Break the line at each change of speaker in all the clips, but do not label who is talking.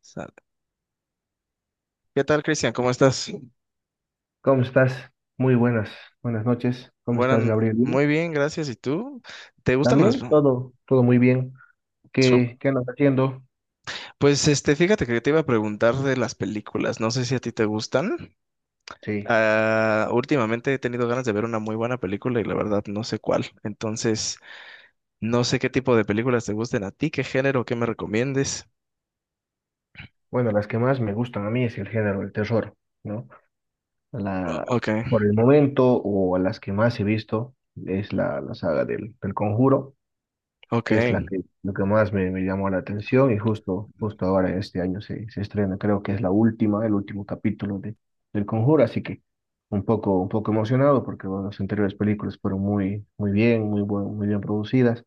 Sale. ¿Qué tal, Cristian? ¿Cómo estás?
¿Cómo estás? Muy buenas, buenas noches. ¿Cómo estás,
Buenas,
Gabriel? Bien.
muy bien, gracias. ¿Y tú? ¿Te gustan las...
¿También? Todo muy bien.
su-
¿Qué andas haciendo?
Pues fíjate que te iba a preguntar de las películas. No sé si a ti te gustan.
Sí.
Últimamente he tenido ganas de ver una muy buena película y la verdad no sé cuál. Entonces, no sé qué tipo de películas te gusten a ti, qué género, qué me recomiendes.
Bueno, las que más me gustan a mí es el género del terror, ¿no? La,
Ok,
por el momento, o a las que más he visto, es la saga del Conjuro, que es
ok.
lo que más me llamó la atención. Y justo ahora este año se estrena, creo que es el último capítulo del Conjuro, así que un poco emocionado porque bueno, las anteriores películas fueron muy muy bien, muy bien producidas,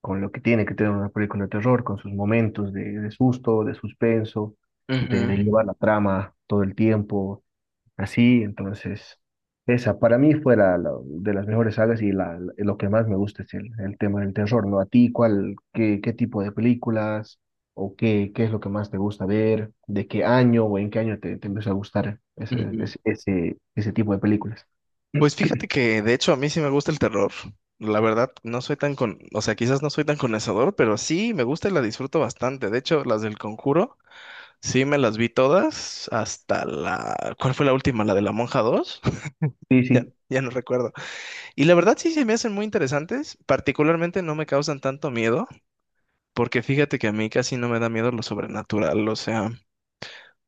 con lo que tiene que tener una película de terror, con sus momentos de susto, de suspenso, de
Ujú,
llevar la trama todo el tiempo. Así, entonces, esa para mí fue de las mejores sagas, y lo que más me gusta es el tema del terror, ¿no? ¿A ti qué tipo de películas, o qué es lo que más te gusta ver? ¿De qué año o en qué año te empezó a gustar ese,
ujú.
ese, ese, ese tipo de películas?
Pues fíjate que de hecho a mí sí me gusta el terror. La verdad, no soy tan con, o sea, quizás no soy tan conocedor, pero sí me gusta y la disfruto bastante. De hecho, las del Conjuro, sí me las vi todas hasta la, ¿cuál fue la última? ¿La de la Monja dos,
Sí, sí.
ya no recuerdo. Y la verdad sí se me hacen muy interesantes, particularmente no me causan tanto miedo, porque fíjate que a mí casi no me da miedo lo sobrenatural, o sea,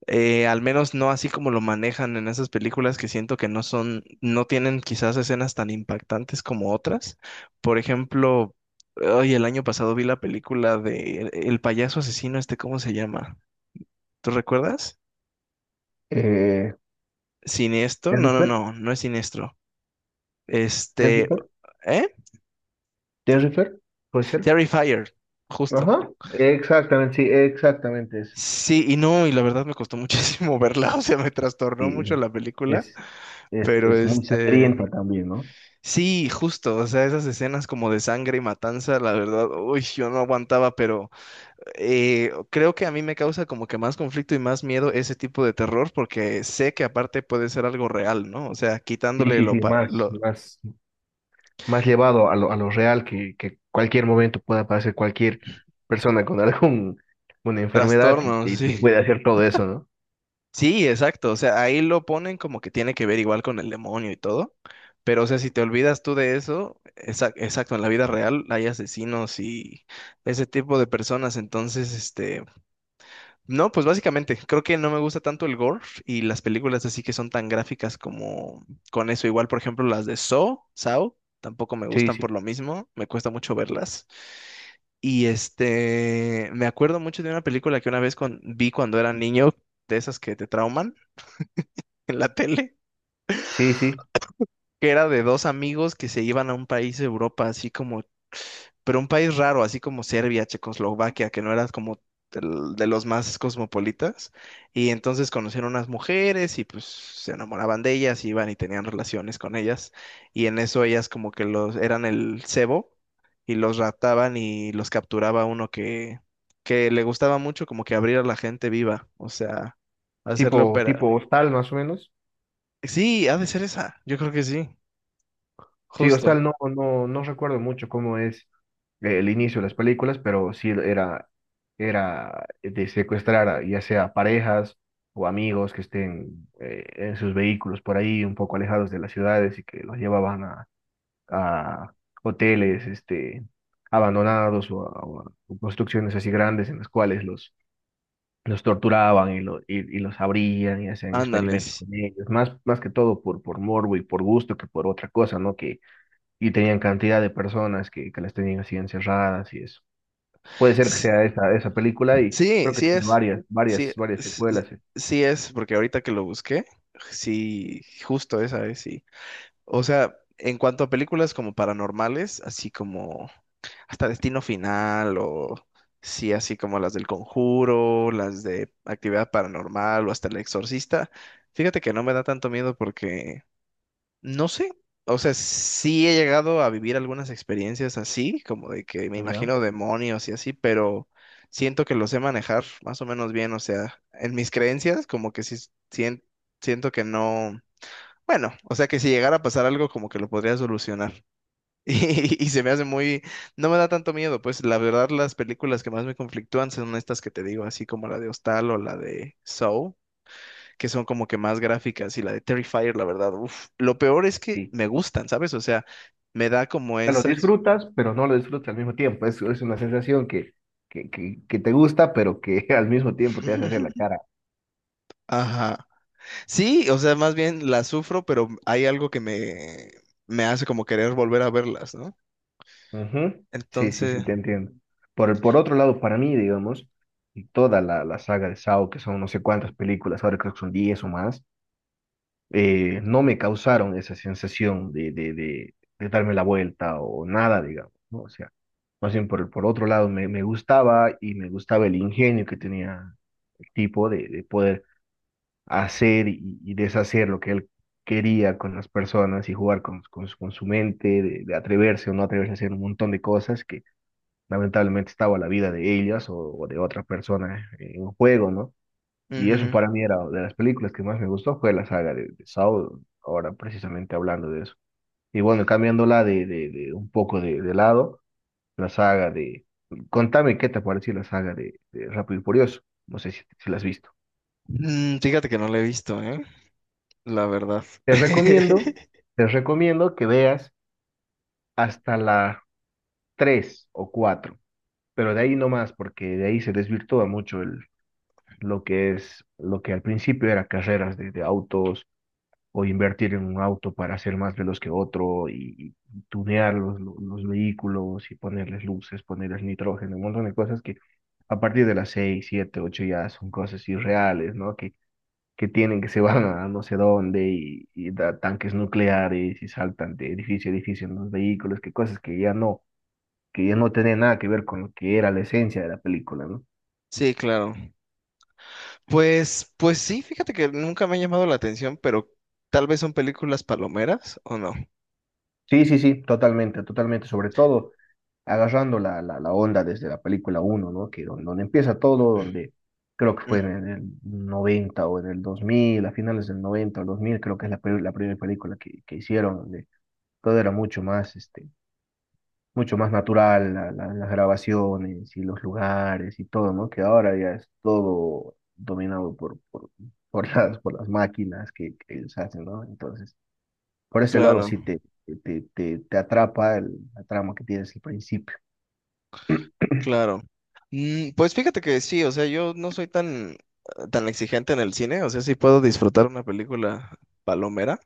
Al menos no así como lo manejan en esas películas que siento que no son, no tienen quizás escenas tan impactantes como otras. Por ejemplo, hoy el año pasado vi la película de el payaso asesino, ¿cómo se llama? ¿Tú recuerdas?
Eh,
¿Siniestro? No, no,
¿Terrifier?
no, no es siniestro. Este,
¿Terrifier?
¿eh?
¿Terrifier? ¿Puede ser?
Terrifier, justo.
Ajá, exactamente, sí, exactamente es.
Sí, y no, y la verdad me costó muchísimo verla, o sea, me trastornó
Sí,
mucho la película,
es, es,
pero
es muy sangriento también, ¿no?
sí, justo, o sea, esas escenas como de sangre y matanza, la verdad, uy, yo no aguantaba, pero creo que a mí me causa como que más conflicto y más miedo ese tipo de terror, porque sé que aparte puede ser algo real, ¿no? O sea,
Sí,
quitándole
sí, sí, más,
lo
más. Más llevado a lo real, que, cualquier momento pueda aparecer cualquier persona con una enfermedad, y,
trastornos,
y te
sí.
puede hacer todo eso, ¿no?
Sí, exacto, o sea, ahí lo ponen como que tiene que ver igual con el demonio y todo, pero o sea, si te olvidas tú de eso, exacto, en la vida real hay asesinos y ese tipo de personas, entonces, este... No, pues básicamente, creo que no me gusta tanto el gore y las películas así que son tan gráficas como con eso. Igual, por ejemplo, las de Saw, tampoco me
Sí,
gustan
sí,
por lo mismo, me cuesta mucho verlas. Y me acuerdo mucho de una película que una vez vi cuando era niño, de esas que te trauman en la tele,
sí, sí.
que era de dos amigos que se iban a un país de Europa así como pero un país raro, así como Serbia, Checoslovaquia, que no era como de los más cosmopolitas. Y entonces conocieron unas mujeres y pues se enamoraban de ellas, iban y tenían relaciones con ellas. Y en eso ellas como que los eran el cebo y los raptaban y los capturaba uno que le gustaba mucho como que abrir a la gente viva, o sea, hacerle
Tipo,
opera.
tipo Hostal, más o menos.
Sí, ha de ser esa, yo creo que sí,
Sí, Hostal
justo.
no recuerdo mucho cómo es el inicio de las películas, pero sí era de secuestrar a, ya sea parejas o amigos que estén en sus vehículos por ahí, un poco alejados de las ciudades, y que los llevaban a a hoteles abandonados, o construcciones así grandes, en las cuales los torturaban y, y los abrían y hacían experimentos
Ándales.
con ellos, más que todo por, morbo y por gusto que por otra cosa, ¿no? Que, y tenían cantidad de personas que las tenían así encerradas y eso. Puede ser que sea esa, esa película, y
Sí,
creo que
sí
tiene
es.
varias,
Sí,
varias, varias secuelas, ¿eh?
sí es, porque ahorita que lo busqué, sí, justo esa es, sí. O sea, en cuanto a películas como paranormales, así como hasta Destino Final o sí, así como las del Conjuro, las de Actividad Paranormal o hasta El Exorcista, fíjate que no me da tanto miedo porque no sé, o sea, sí he llegado a vivir algunas experiencias así, como de que me
¿Ya?
imagino demonios y así, pero siento que los sé manejar más o menos bien, o sea, en mis creencias como que sí sien- siento que no, bueno, o sea que si llegara a pasar algo como que lo podría solucionar. Y se me hace muy, no me da tanto miedo, pues la verdad las películas que más me conflictúan son estas que te digo, así como la de Hostal o la de Saw que son como que más gráficas y la de Terrifier, la verdad, uf, lo peor es que
Sí,
me gustan, ¿sabes? O sea, me da como
sea, lo
esa...
disfrutas, pero no lo disfrutas al mismo tiempo. Es una sensación que te gusta, pero que al mismo tiempo te hace hacer la cara.
Ajá. Sí, o sea, más bien la sufro, pero hay algo que me hace como querer volver a verlas, ¿no?
Ujú. Sí, sí, sí,
Entonces,
te entiendo. Por otro lado, para mí, digamos, y toda la saga de Saw, que son no sé cuántas películas, ahora creo que son 10 o más, no me causaron esa sensación de darme la vuelta o nada, digamos, ¿no? O sea, más bien por otro lado, me gustaba, y me gustaba el ingenio que tenía el tipo de poder hacer y deshacer lo que él quería con las personas, y jugar con su mente, de atreverse o no atreverse a hacer un montón de cosas que lamentablemente estaba la vida de ellas o de otra persona en juego, ¿no? Y eso
ujú.
para mí era de las películas que más me gustó, fue la saga de Saw, ahora precisamente hablando de eso. Y bueno, cambiándola de un poco de lado, la saga de... Contame qué te pareció la saga de Rápido y Furioso. No sé si la has visto.
Mm, fíjate que no la he visto, ¿eh? La verdad.
Te recomiendo, te recomiendo que veas hasta la 3 o cuatro, pero de ahí no más, porque de ahí se desvirtúa mucho el, lo que es, lo que al principio era carreras de autos, o invertir en un auto para ser más veloz que otro, y tunear los vehículos y ponerles luces, ponerles nitrógeno, un montón de cosas que a partir de las 6 7 8 ya son cosas irreales, ¿no? Que tienen, que se van a no sé dónde, y da tanques nucleares y saltan de edificio a edificio en los vehículos, que cosas que ya no tienen nada que ver con lo que era la esencia de la película, ¿no?
Sí, claro. Pues sí, fíjate que nunca me ha llamado la atención, pero tal vez son películas palomeras o no.
Sí, sí, sí, totalmente, totalmente, sobre todo agarrando la onda desde la película uno, ¿no? Que donde, empieza todo, donde creo que
Mm,
fue en el noventa, o en el dos mil, a finales del 90 o 2000 creo que es la primera película que hicieron, donde todo era mucho más natural, las grabaciones y los lugares y todo, ¿no? Que ahora ya es todo dominado por las máquinas que ellos hacen, ¿no? Entonces, por ese lado
claro.
sí te atrapa el, la trama que tienes al principio.
Claro. Mm, pues fíjate que sí, o sea, yo no soy tan, tan exigente en el cine, o sea, sí puedo disfrutar una película palomera,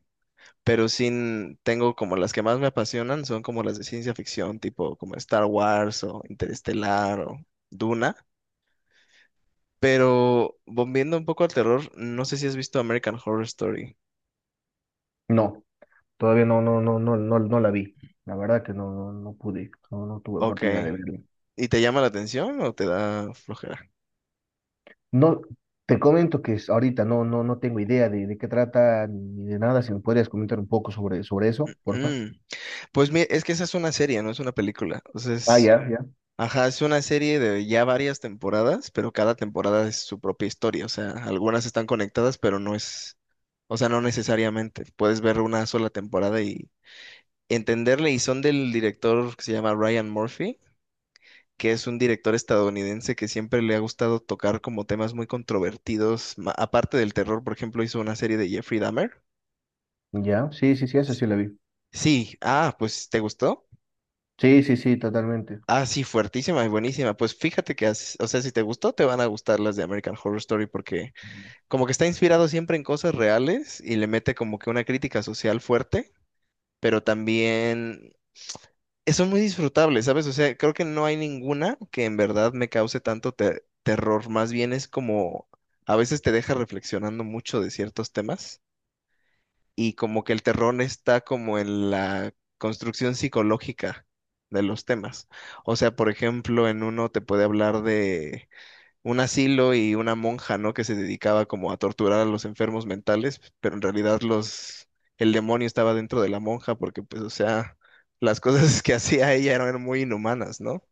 pero sin, tengo como las que más me apasionan son como las de ciencia ficción, tipo como Star Wars o Interestelar o Duna, pero volviendo un poco al terror, no sé si has visto American Horror Story.
No, todavía no, no la vi. La verdad que no, pude, no tuve
Ok.
oportunidad de verla.
¿Y te llama la atención o te da flojera?
No, te comento que ahorita no, no tengo idea de qué trata ni de nada. Si me podrías comentar un poco sobre, sobre eso, porfa.
Mm, pues es que esa es una serie, no es una película. O sea,
Ah,
es
ya, ya.
ajá, es una serie de ya varias temporadas, pero cada temporada es su propia historia. O sea, algunas están conectadas, pero no es, o sea, no necesariamente. Puedes ver una sola temporada y entenderle. Y son del director que se llama Ryan Murphy, que es un director estadounidense que siempre le ha gustado tocar como temas muy controvertidos. Aparte del terror, por ejemplo, hizo una serie de Jeffrey Dahmer.
Ya, sí, sí, sí, esa
S-
sí la vi.
Sí, ah, pues, ¿te gustó?
Sí, sí, sí, totalmente.
Ah, sí, fuertísima y buenísima. Pues fíjate que, o sea, si te gustó, te van a gustar las de American Horror Story porque como que está inspirado siempre en cosas reales y le mete como que una crítica social fuerte, pero también son muy disfrutables, ¿sabes? O sea, creo que no hay ninguna que en verdad me cause tanto terror, más bien es como a veces te deja reflexionando mucho de ciertos temas y como que el terror está como en la construcción psicológica de los temas. O sea, por ejemplo, en uno te puede hablar de un asilo y una monja, ¿no? Que se dedicaba como a torturar a los enfermos mentales, pero en realidad el demonio estaba dentro de la monja porque, pues, o sea, las cosas que hacía ella eran muy inhumanas, ¿no?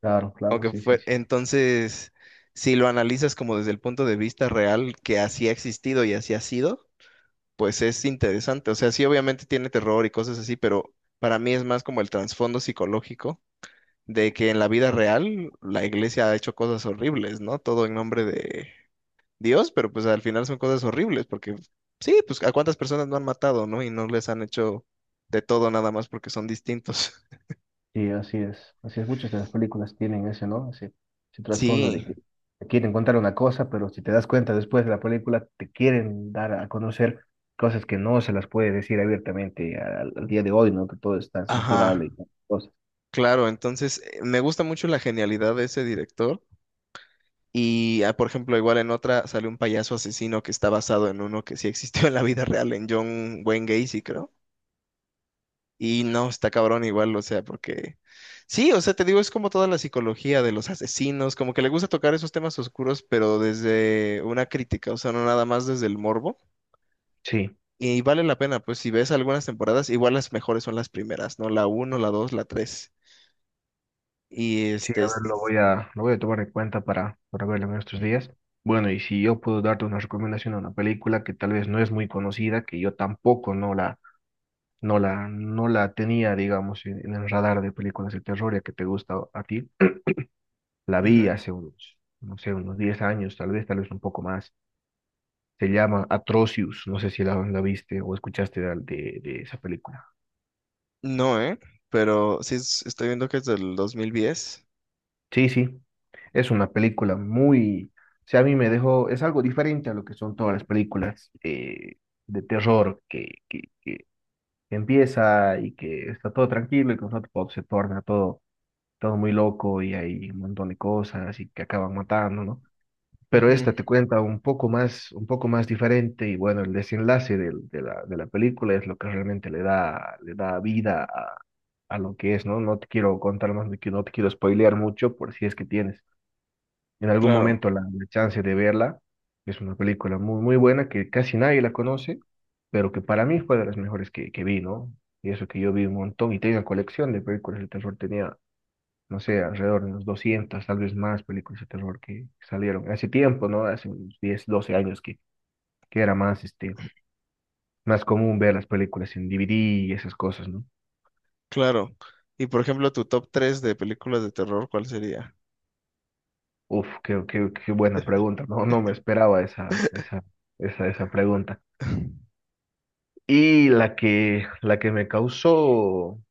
Claro, claro,
Aunque
sí, sí,
fue,
sí.
entonces, si lo analizas como desde el punto de vista real que así ha existido y así ha sido, pues es interesante. O sea, sí, obviamente tiene terror y cosas así, pero para mí es más como el trasfondo psicológico de que en la vida real la iglesia ha hecho cosas horribles, ¿no? Todo en nombre de Dios, pero pues al final son cosas horribles, porque sí, pues a cuántas personas no han matado, ¿no? Y no les han hecho de todo nada más porque son distintos.
Sí, así es. Así es, muchas de las películas tienen ese, ¿no? Ese trasfondo
Sí,
de que te quieren contar una cosa, pero si te das cuenta después de la película, te quieren dar a conocer cosas que no se las puede decir abiertamente al día de hoy, ¿no? Que todo es tan censurable y
ajá,
tan cosas.
claro, entonces me gusta mucho la genialidad de ese director. Y, ah, por ejemplo, igual en otra sale un payaso asesino que está basado en uno que sí existió en la vida real, en John Wayne Gacy, creo. Y no, está cabrón igual, o sea, porque sí, o sea, te digo, es como toda la psicología de los asesinos, como que le gusta tocar esos temas oscuros, pero desde una crítica, o sea, no nada más desde el morbo.
Sí,
Y vale la pena, pues si ves algunas temporadas, igual las mejores son las primeras, ¿no? La uno, la dos, la tres. Y
sí,
este...
a ver, lo voy a, lo voy a tomar en cuenta para verlo en estos días. Bueno, y si yo puedo darte una recomendación a una película que tal vez no es muy conocida, que yo tampoco no la, no la tenía, digamos, en el radar de películas de terror, ya que te gusta a ti. La vi
ujú.
hace unos, no sé, unos 10 años, tal vez un poco más. Se llama Atrocious, no sé si la viste o escuchaste de esa película.
No, ¿eh? Pero sí, estoy viendo que es del 2010.
Sí, sí, es una película muy, o sea, a mí me dejó, es algo diferente a lo que son todas las películas de terror que empieza y que está todo tranquilo, y que de pronto se torna todo muy loco, y hay un montón de cosas y que acaban matando, ¿no? Pero
Ujú.
esta te cuenta un poco más diferente, y bueno, el desenlace de la película es lo que realmente le da vida a lo que es, ¿no? No te quiero contar más, no te quiero spoilear mucho, por si es que tienes en algún
Claro,
momento la chance de verla. Es una película muy, muy buena que casi nadie la conoce, pero que para mí fue de las mejores que vi, ¿no? Y eso que yo vi un montón y tenía colección de películas de terror, tenía no sé, alrededor de unos 200, tal vez más películas de terror que salieron. Hace tiempo, ¿no? Hace unos 10, 12 años que era más, este, más común ver las películas en DVD y esas cosas, ¿no?
claro. Y por ejemplo, tu top 3 de películas de terror, ¿cuál sería?
Uf, qué buena pregunta, no, no me esperaba esa, esa pregunta. Y la que me causó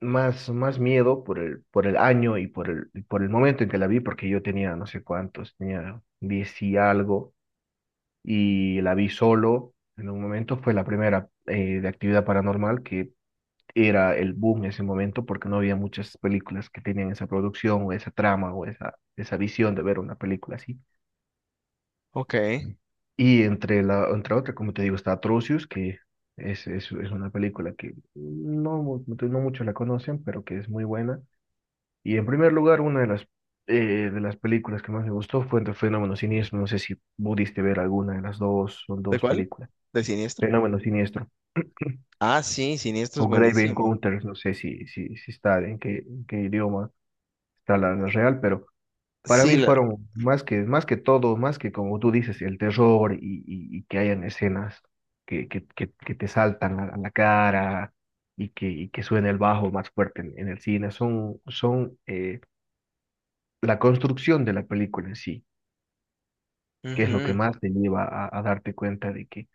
más miedo por el año, y por el momento en que la vi, porque yo tenía no sé cuántos, tenía 10 y algo, y la vi solo en un momento. Fue la primera de actividad paranormal, que era el boom en ese momento, porque no había muchas películas que tenían esa producción o esa trama o esa visión de ver una película así.
Ok.
Y entre otra, como te digo, está Atrocious, que es una película que no muchos la conocen, pero que es muy buena. Y en primer lugar, una de de las películas que más me gustó fue entre Fenómeno Siniestro. No sé si pudiste ver alguna de las dos, son
¿De
dos
cuál?
películas.
¿De Siniestro?
Fenómeno Siniestro.
Ah, sí, Siniestro es
O Grave
buenísimo.
Encounters, no sé si está en qué, idioma está la real, pero para
Sí,
mí
la...
fueron más que todo, más que como tú dices, el terror, y que hayan escenas que te saltan a la cara, y que suene el bajo más fuerte en el cine. Son la construcción de la película en sí, que es lo que
ujú,
más te lleva a darte cuenta de que,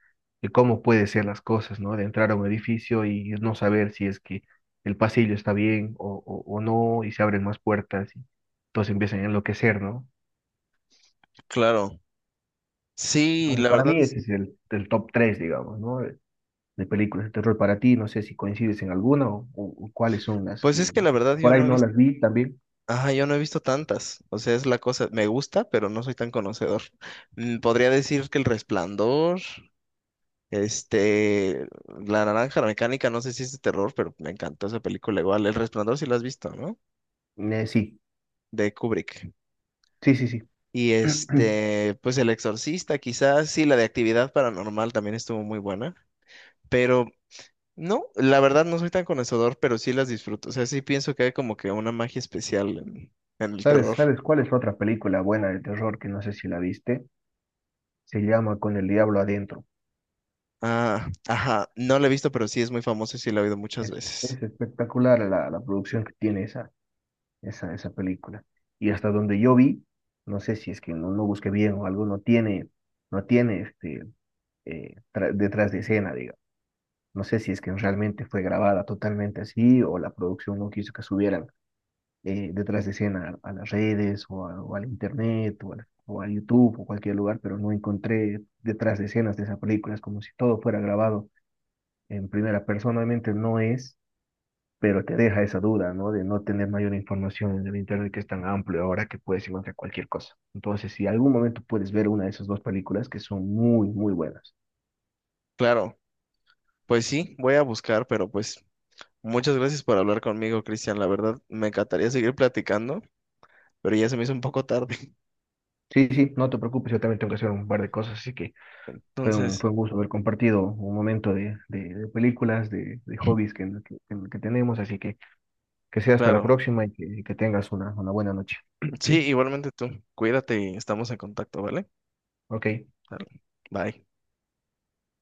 de cómo puede ser las cosas, ¿no? De entrar a un edificio y no saber si es que el pasillo está bien, o no, y se abren más puertas y todos empiezan a enloquecer, ¿no?
claro. Sí,
Entonces,
la
para
verdad
mí
es...
ese es el top 3, digamos, ¿no? De películas de terror. Para ti, no sé si coincides en alguna, o cuáles son
pues es que la verdad
por
yo
ahí
no he
no
visto...
las vi también.
Ajá, yo no he visto tantas. O sea, es la cosa... me gusta, pero no soy tan conocedor. Mm, podría decir que El Resplandor, este... La Naranja Mecánica, no sé si es de terror, pero me encantó esa película igual. El Resplandor sí la has visto, ¿no?
Sí,
De Kubrick.
sí, sí, sí.
Y este... pues El Exorcista, quizás. Sí, la de Actividad Paranormal también estuvo muy buena. Pero no, la verdad no soy tan conocedor, pero sí las disfruto. O sea, sí pienso que hay como que una magia especial en el
¿Sabes,
terror.
sabes cuál es otra película buena de terror que no sé si la viste? Se llama Con el Diablo Adentro.
Ah, ajá, no la he visto, pero sí es muy famosa y sí la he oído muchas veces.
Es espectacular la producción que tiene esa película. Y hasta donde yo vi, no sé si es que no busqué bien o algo, no tiene detrás de escena, digamos. No sé si es que realmente fue grabada totalmente así, o la producción no quiso que subieran detrás de escena a las redes, o al internet, o a YouTube o cualquier lugar, pero no encontré detrás de escenas de esa película. Es como si todo fuera grabado en primera. Personalmente no es, pero te deja esa duda, ¿no? De no tener mayor información en el internet, que es tan amplio ahora que puedes encontrar cualquier cosa. Entonces, si algún momento puedes ver una de esas dos películas que son muy, muy buenas.
Claro, pues sí, voy a buscar, pero pues muchas gracias por hablar conmigo, Cristian. La verdad, me encantaría seguir platicando, pero ya se me hizo un poco tarde.
Sí, sí, no te preocupes, yo también tengo que hacer un par de cosas, así que
Entonces,
fue un gusto haber compartido un momento de películas, de hobbies que tenemos, así que sea hasta la
claro,
próxima y que tengas una buena noche.
sí, igualmente tú. Cuídate y estamos en contacto, ¿vale?
Ok.
Claro. Bye.